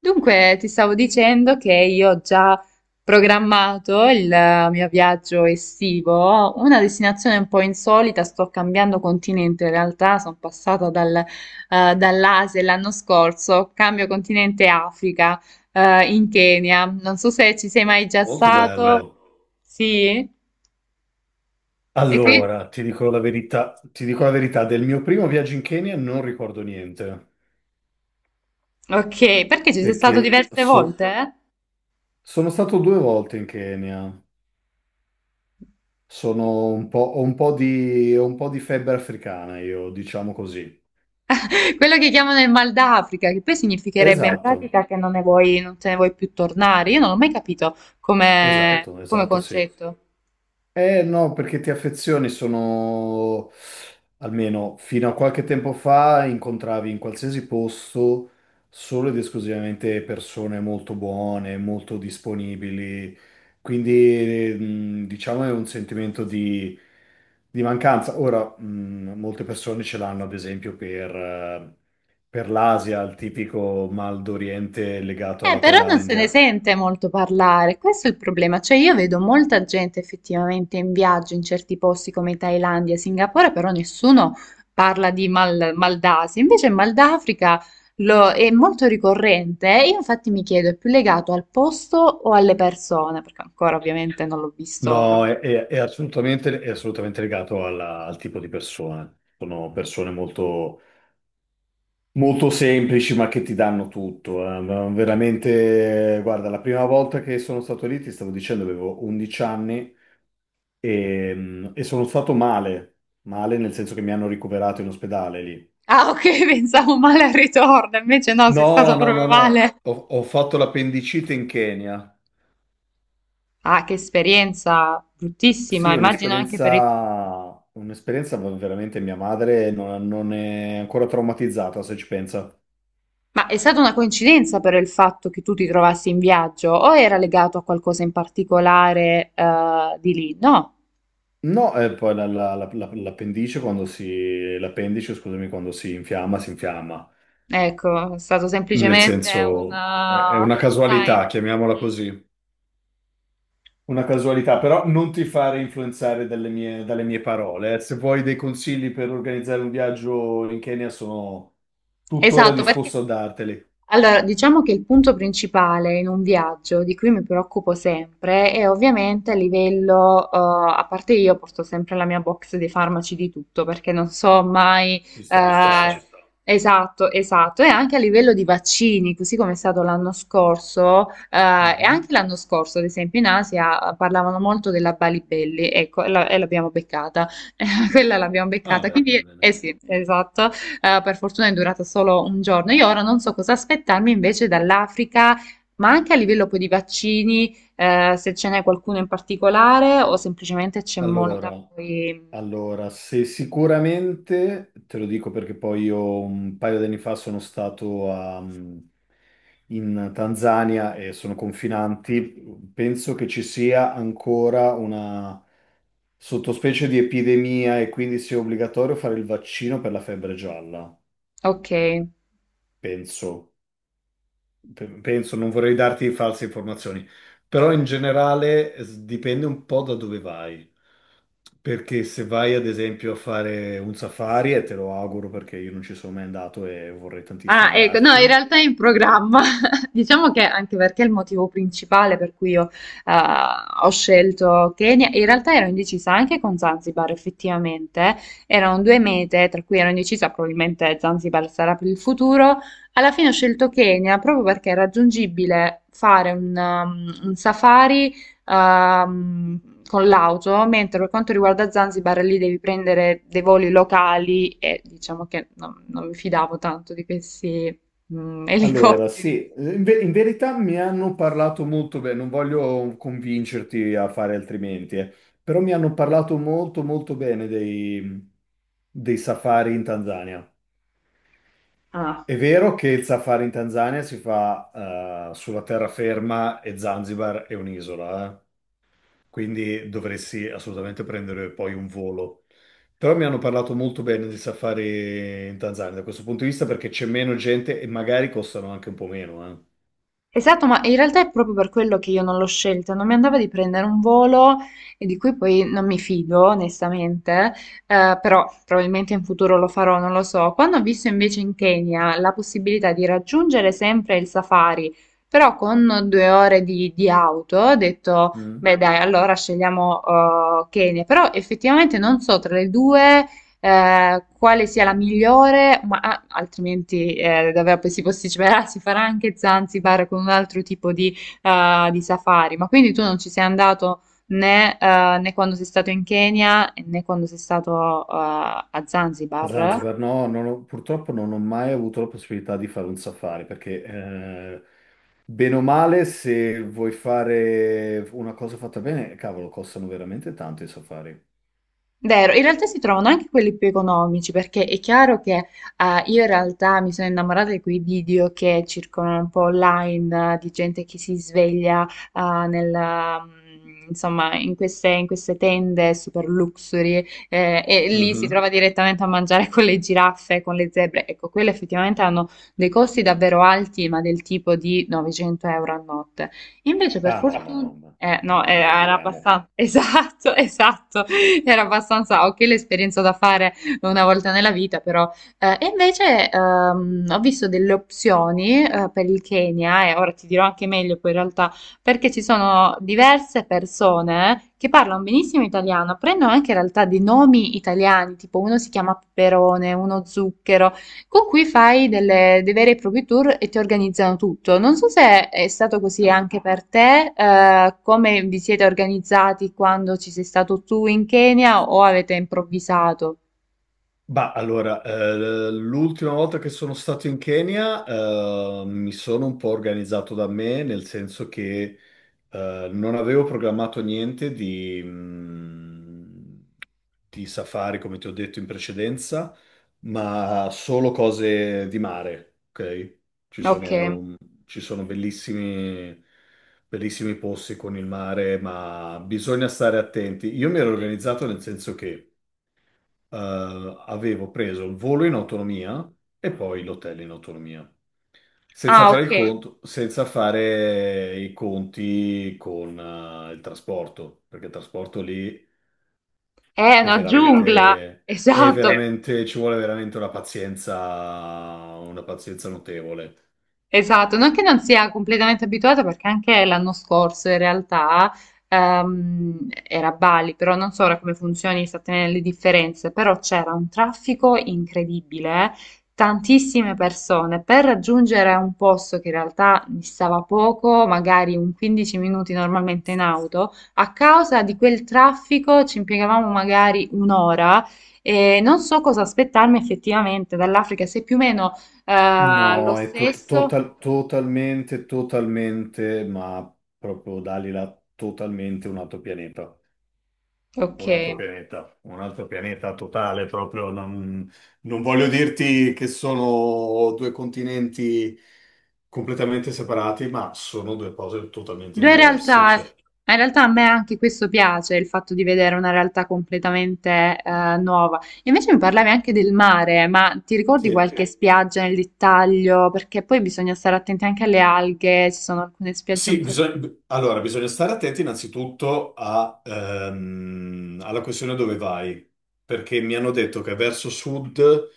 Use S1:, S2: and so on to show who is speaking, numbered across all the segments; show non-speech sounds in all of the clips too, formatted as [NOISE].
S1: Dunque, ti stavo dicendo che io ho già programmato il mio viaggio estivo, una destinazione un po' insolita, sto cambiando continente, in realtà sono passata dall'Asia l'anno scorso, cambio continente Africa, in Kenya, non so se ci sei mai già. Oh, che
S2: Molto
S1: stato bello.
S2: bello.
S1: Sì? E qui?
S2: Allora, ti dico la verità, ti dico la verità, del mio primo viaggio in Kenya non ricordo niente,
S1: Ok, perché ci sei stato
S2: perché
S1: diverse volte, eh?
S2: sono stato due volte in Kenya, sono un po', ho un po' di febbre africana io, diciamo così.
S1: [LAUGHS] Quello che chiamano il mal d'Africa, che poi significherebbe in
S2: Esatto,
S1: pratica che non ne vuoi, non te ne vuoi più tornare. Io non l'ho mai capito come,
S2: esatto,
S1: come
S2: esatto, sì.
S1: concetto.
S2: Eh no, perché ti affezioni sono, almeno fino a qualche tempo fa, incontravi in qualsiasi posto solo ed esclusivamente persone molto buone, molto disponibili, quindi diciamo è un sentimento di mancanza. Ora, molte persone ce l'hanno ad esempio per l'Asia, il tipico mal d'Oriente legato alla
S1: Però non se ne
S2: Thailandia.
S1: sente molto parlare, questo è il problema. Cioè, io vedo molta gente effettivamente in viaggio in certi posti come Thailandia, Singapore, però nessuno parla di mal d'Asia. Invece il mal d'Africa è molto ricorrente, eh. Io infatti mi chiedo, è più legato al posto o alle persone? Perché ancora ovviamente non l'ho visto.
S2: No, è assolutamente legato al tipo di persona. Sono persone molto, molto semplici, ma che ti danno tutto. Ma veramente, guarda, la prima volta che sono stato lì, ti stavo dicendo, avevo 11 anni e sono stato male, nel senso che mi hanno ricoverato in ospedale lì.
S1: Ah, ok, [LAUGHS] pensavo male al ritorno, invece no, sei stato
S2: No, no,
S1: proprio... No,
S2: no, no,
S1: male.
S2: ho fatto l'appendicite in Kenya.
S1: Ah, che esperienza bruttissima,
S2: Sì,
S1: immagino anche per il...
S2: un'esperienza veramente mia madre non è ancora traumatizzata, se ci pensa.
S1: Ma è stata una coincidenza per il fatto che tu ti trovassi in viaggio o era legato a qualcosa in particolare di lì? No,
S2: No, e poi l'appendice quando si, l'appendice, scusami, quando si infiamma, si infiamma.
S1: ecco, è stato
S2: Nel
S1: semplicemente un
S2: senso, è una casualità,
S1: time.
S2: chiamiamola
S1: Mm.
S2: così. Una casualità, però non ti fare influenzare dalle mie, parole. Se vuoi dei consigli per organizzare un viaggio in Kenya, sono tuttora
S1: Esatto, perché...
S2: disposto a darteli.
S1: Allora, diciamo che il punto principale in un viaggio di cui mi preoccupo sempre è ovviamente a livello, a parte io porto sempre la mia box dei farmaci di tutto perché non so mai,
S2: Ci
S1: ci
S2: sta, ci
S1: eh, ci
S2: sta.
S1: esatto, esatto, e anche a livello di vaccini, così come è stato l'anno scorso, e
S2: Mhm.
S1: anche l'anno scorso, ad esempio in Asia, parlavano molto della Balibelli, ecco, e e l'abbiamo beccata, [LAUGHS] quella l'abbiamo
S2: Ah,
S1: beccata,
S2: beh,
S1: quindi,
S2: bene.
S1: eh sì, esatto. Per fortuna è durata solo un giorno. Io ora non so cosa aspettarmi invece dall'Africa, ma anche a livello poi di vaccini, se ce n'è qualcuno in particolare o semplicemente c'è molta
S2: Allora,
S1: poi...
S2: allora, se sicuramente, te lo dico perché poi io un paio di anni fa sono stato in Tanzania e sono confinanti, penso che ci sia ancora una sottospecie di epidemia e quindi sia obbligatorio fare il vaccino per la febbre gialla,
S1: Ok.
S2: penso. Penso, non vorrei darti false informazioni, però in generale dipende un po' da dove vai. Perché se vai ad esempio a fare un safari, e te lo auguro perché io non ci sono mai andato e vorrei tantissimo
S1: Ah, ecco, no, in
S2: andarci.
S1: realtà è in programma. [LAUGHS] Diciamo che anche perché il motivo principale per cui io eh, ho scelto Kenya, in realtà ero indecisa anche con Zanzibar, effettivamente. Erano due mete, tra cui ero indecisa, probabilmente Zanzibar sarà per il futuro. Alla fine ho scelto Kenya proprio perché è raggiungibile fare un un safari con l'auto, mentre per quanto riguarda Zanzibar lì devi prendere dei voli locali e diciamo che non mi fidavo tanto di questi [LAUGHS] elicotteri.
S2: Allora,
S1: Elicotteri.
S2: sì, in verità mi hanno parlato molto bene, non voglio convincerti a fare altrimenti, però mi hanno parlato molto molto bene dei safari in Tanzania. È vero che il safari in Tanzania si fa sulla terraferma e Zanzibar è un'isola. Quindi dovresti assolutamente prendere poi un volo. Però mi hanno parlato molto bene di safari in Tanzania da questo punto di vista perché c'è meno gente e magari costano anche un po' meno.
S1: Esatto, ma in realtà è proprio per quello che io non l'ho scelta, non mi andava di prendere un volo e di cui poi non mi fido, onestamente, però probabilmente in futuro lo farò, non lo so. Quando ho visto invece in Kenya la possibilità di raggiungere sempre il safari, però con due ore di auto, ho detto,
S2: Mm.
S1: beh dai, allora scegliamo Kenya, però effettivamente non so tra le due quale sia la migliore, ma ah, altrimenti davvero poi si posticiperà, si farà anche Zanzibar con un altro tipo di safari. Ma quindi tu non ci sei andato né, né quando sei stato in Kenya né quando sei stato a
S2: A
S1: Zanzibar?
S2: Zanzibar no, non ho- purtroppo non ho mai avuto la possibilità di fare un safari perché bene o male se vuoi fare una cosa fatta bene, cavolo, costano veramente tanto i safari.
S1: Vero, in realtà si trovano anche quelli più economici, perché è chiaro che io in realtà mi sono innamorata di quei video che circolano un po' online, di gente che si sveglia insomma, in in queste tende super luxury e lì si
S2: Mhm.
S1: trova direttamente a mangiare con le giraffe, con le zebre. Ecco, quelle effettivamente hanno dei costi davvero alti, ma del tipo di 900 euro a notte. Invece, per
S2: Ah, no, no,
S1: fortuna...
S2: no, no,
S1: No,
S2: non
S1: era
S2: esageriamo.
S1: abbastanza, [LAUGHS] esatto, esatto. [LAUGHS] Era abbastanza ok l'esperienza da fare una volta nella vita, però. E invece ho visto delle opzioni per il Kenya, e ora ti dirò anche meglio poi in realtà, perché ci sono diverse persone che parlano benissimo italiano, prendono anche in realtà dei nomi italiani, tipo uno si chiama Peperone, uno Zucchero. Con cui fai dei veri e propri tour e ti organizzano tutto. Non so se è stato così
S2: Ah.
S1: anche per te, come vi siete organizzati quando ci sei stato tu in Kenya o avete improvvisato?
S2: Bah, allora, l'ultima volta che sono stato in Kenya, mi sono un po' organizzato da me, nel senso che non avevo programmato niente di safari, come ti ho detto in precedenza, ma solo cose di mare, ok? Ci
S1: Ok.
S2: sono, ci sono bellissimi, bellissimi posti con il mare, ma bisogna stare attenti. Io mi ero organizzato nel senso che avevo preso il volo in autonomia e poi l'hotel in autonomia senza
S1: Ah,
S2: fare il
S1: ok.
S2: conto, senza fare i conti con il trasporto, perché il trasporto lì
S1: È una giungla. Esatto.
S2: ci vuole veramente una pazienza notevole.
S1: Esatto, non che non sia completamente abituata perché anche l'anno scorso in realtà era a Bali, però non so ora come funzioni esattamente le differenze, però c'era un traffico incredibile, tantissime persone per raggiungere un posto che in realtà distava poco, magari un 15 minuti normalmente in auto, a causa di quel traffico ci impiegavamo magari un'ora e non so cosa aspettarmi effettivamente dall'Africa, se più o meno... lo
S2: No, è
S1: stesso?
S2: totalmente, ma proprio Dalila, totalmente un altro pianeta.
S1: Ok.
S2: Un altro pianeta, un altro pianeta totale proprio. Non voglio dirti che sono due continenti completamente separati, ma sono due cose totalmente
S1: Due
S2: diverse.
S1: realtà,
S2: Cioè,
S1: in realtà a me anche questo piace, il fatto di vedere una realtà completamente nuova. Invece mi parlavi anche del mare, ma ti ricordi
S2: sì,
S1: qualche... Sì. Spiaggia nel dettaglio? Perché poi bisogna stare attenti anche alle alghe, ci sono alcune spiagge un
S2: sì,
S1: po'...
S2: allora bisogna stare attenti innanzitutto alla questione dove vai, perché mi hanno detto che verso sud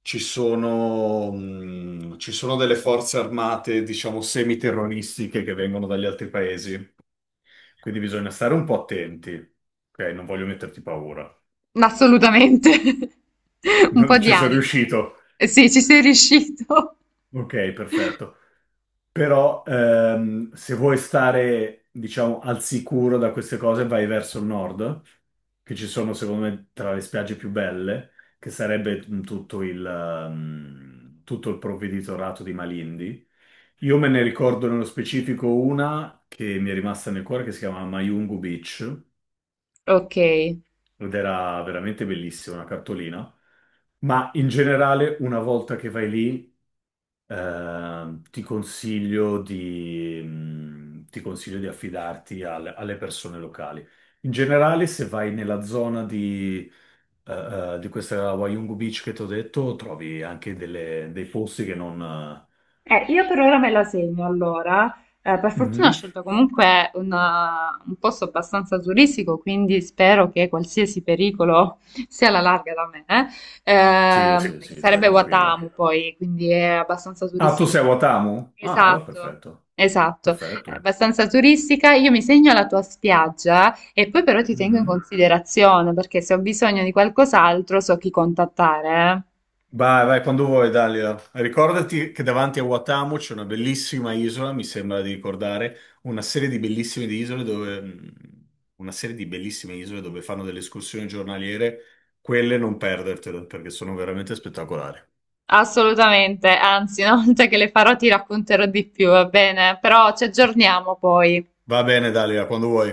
S2: ci sono delle forze armate, diciamo, semiterroristiche che vengono dagli altri paesi. Quindi bisogna stare un po' attenti. Ok, non voglio metterti paura. [LAUGHS]
S1: Assolutamente, [LAUGHS] un po'
S2: Non
S1: di
S2: ci sono
S1: ansia.
S2: riuscito.
S1: Eh sì, ci sei riuscito.
S2: Ok,
S1: [LAUGHS]
S2: perfetto. Però se vuoi stare, diciamo, al sicuro da queste cose, vai verso il nord, che ci sono, secondo me, tra le spiagge più belle, che sarebbe tutto il provveditorato di Malindi. Io me ne ricordo nello specifico una che mi è rimasta nel cuore, che si chiama Mayungu Beach
S1: Ok.
S2: ed era veramente bellissima una cartolina. Ma in generale, una volta che vai lì, ti consiglio di affidarti alle persone locali. In generale, se vai nella zona eh, di questa Wayungu Beach che ti ho detto, trovi anche dei posti che non...
S1: Io per ora me la segno allora. Per fortuna ho
S2: Mhm.
S1: scelto comunque un posto abbastanza turistico, quindi spero che qualsiasi pericolo [LAUGHS] sia alla larga da me,
S2: Sì, sì,
S1: Che
S2: sì, stai
S1: sarebbe
S2: tranquilla.
S1: Watamu poi, quindi è abbastanza
S2: Ah, tu
S1: turistica.
S2: sei a Watamu? Ah, allora
S1: Esatto,
S2: perfetto,
S1: esatto, è
S2: perfetto.
S1: abbastanza turistica. Io mi segno la tua spiaggia e poi però ti tengo in
S2: Mhm.
S1: considerazione perché se ho bisogno di qualcos'altro so chi contattare, eh.
S2: Vai, vai, quando vuoi, Dalila. Ricordati che davanti a Watamu c'è una bellissima isola, mi sembra di ricordare, una serie di bellissime di isole dove, mh, una serie di bellissime isole dove fanno delle escursioni giornaliere. Quelle non perdertele, perché sono veramente spettacolari.
S1: Assolutamente, anzi, una volta che le farò ti racconterò di più, va bene? Però ci aggiorniamo poi.
S2: Va bene, Dalila, quando vuoi.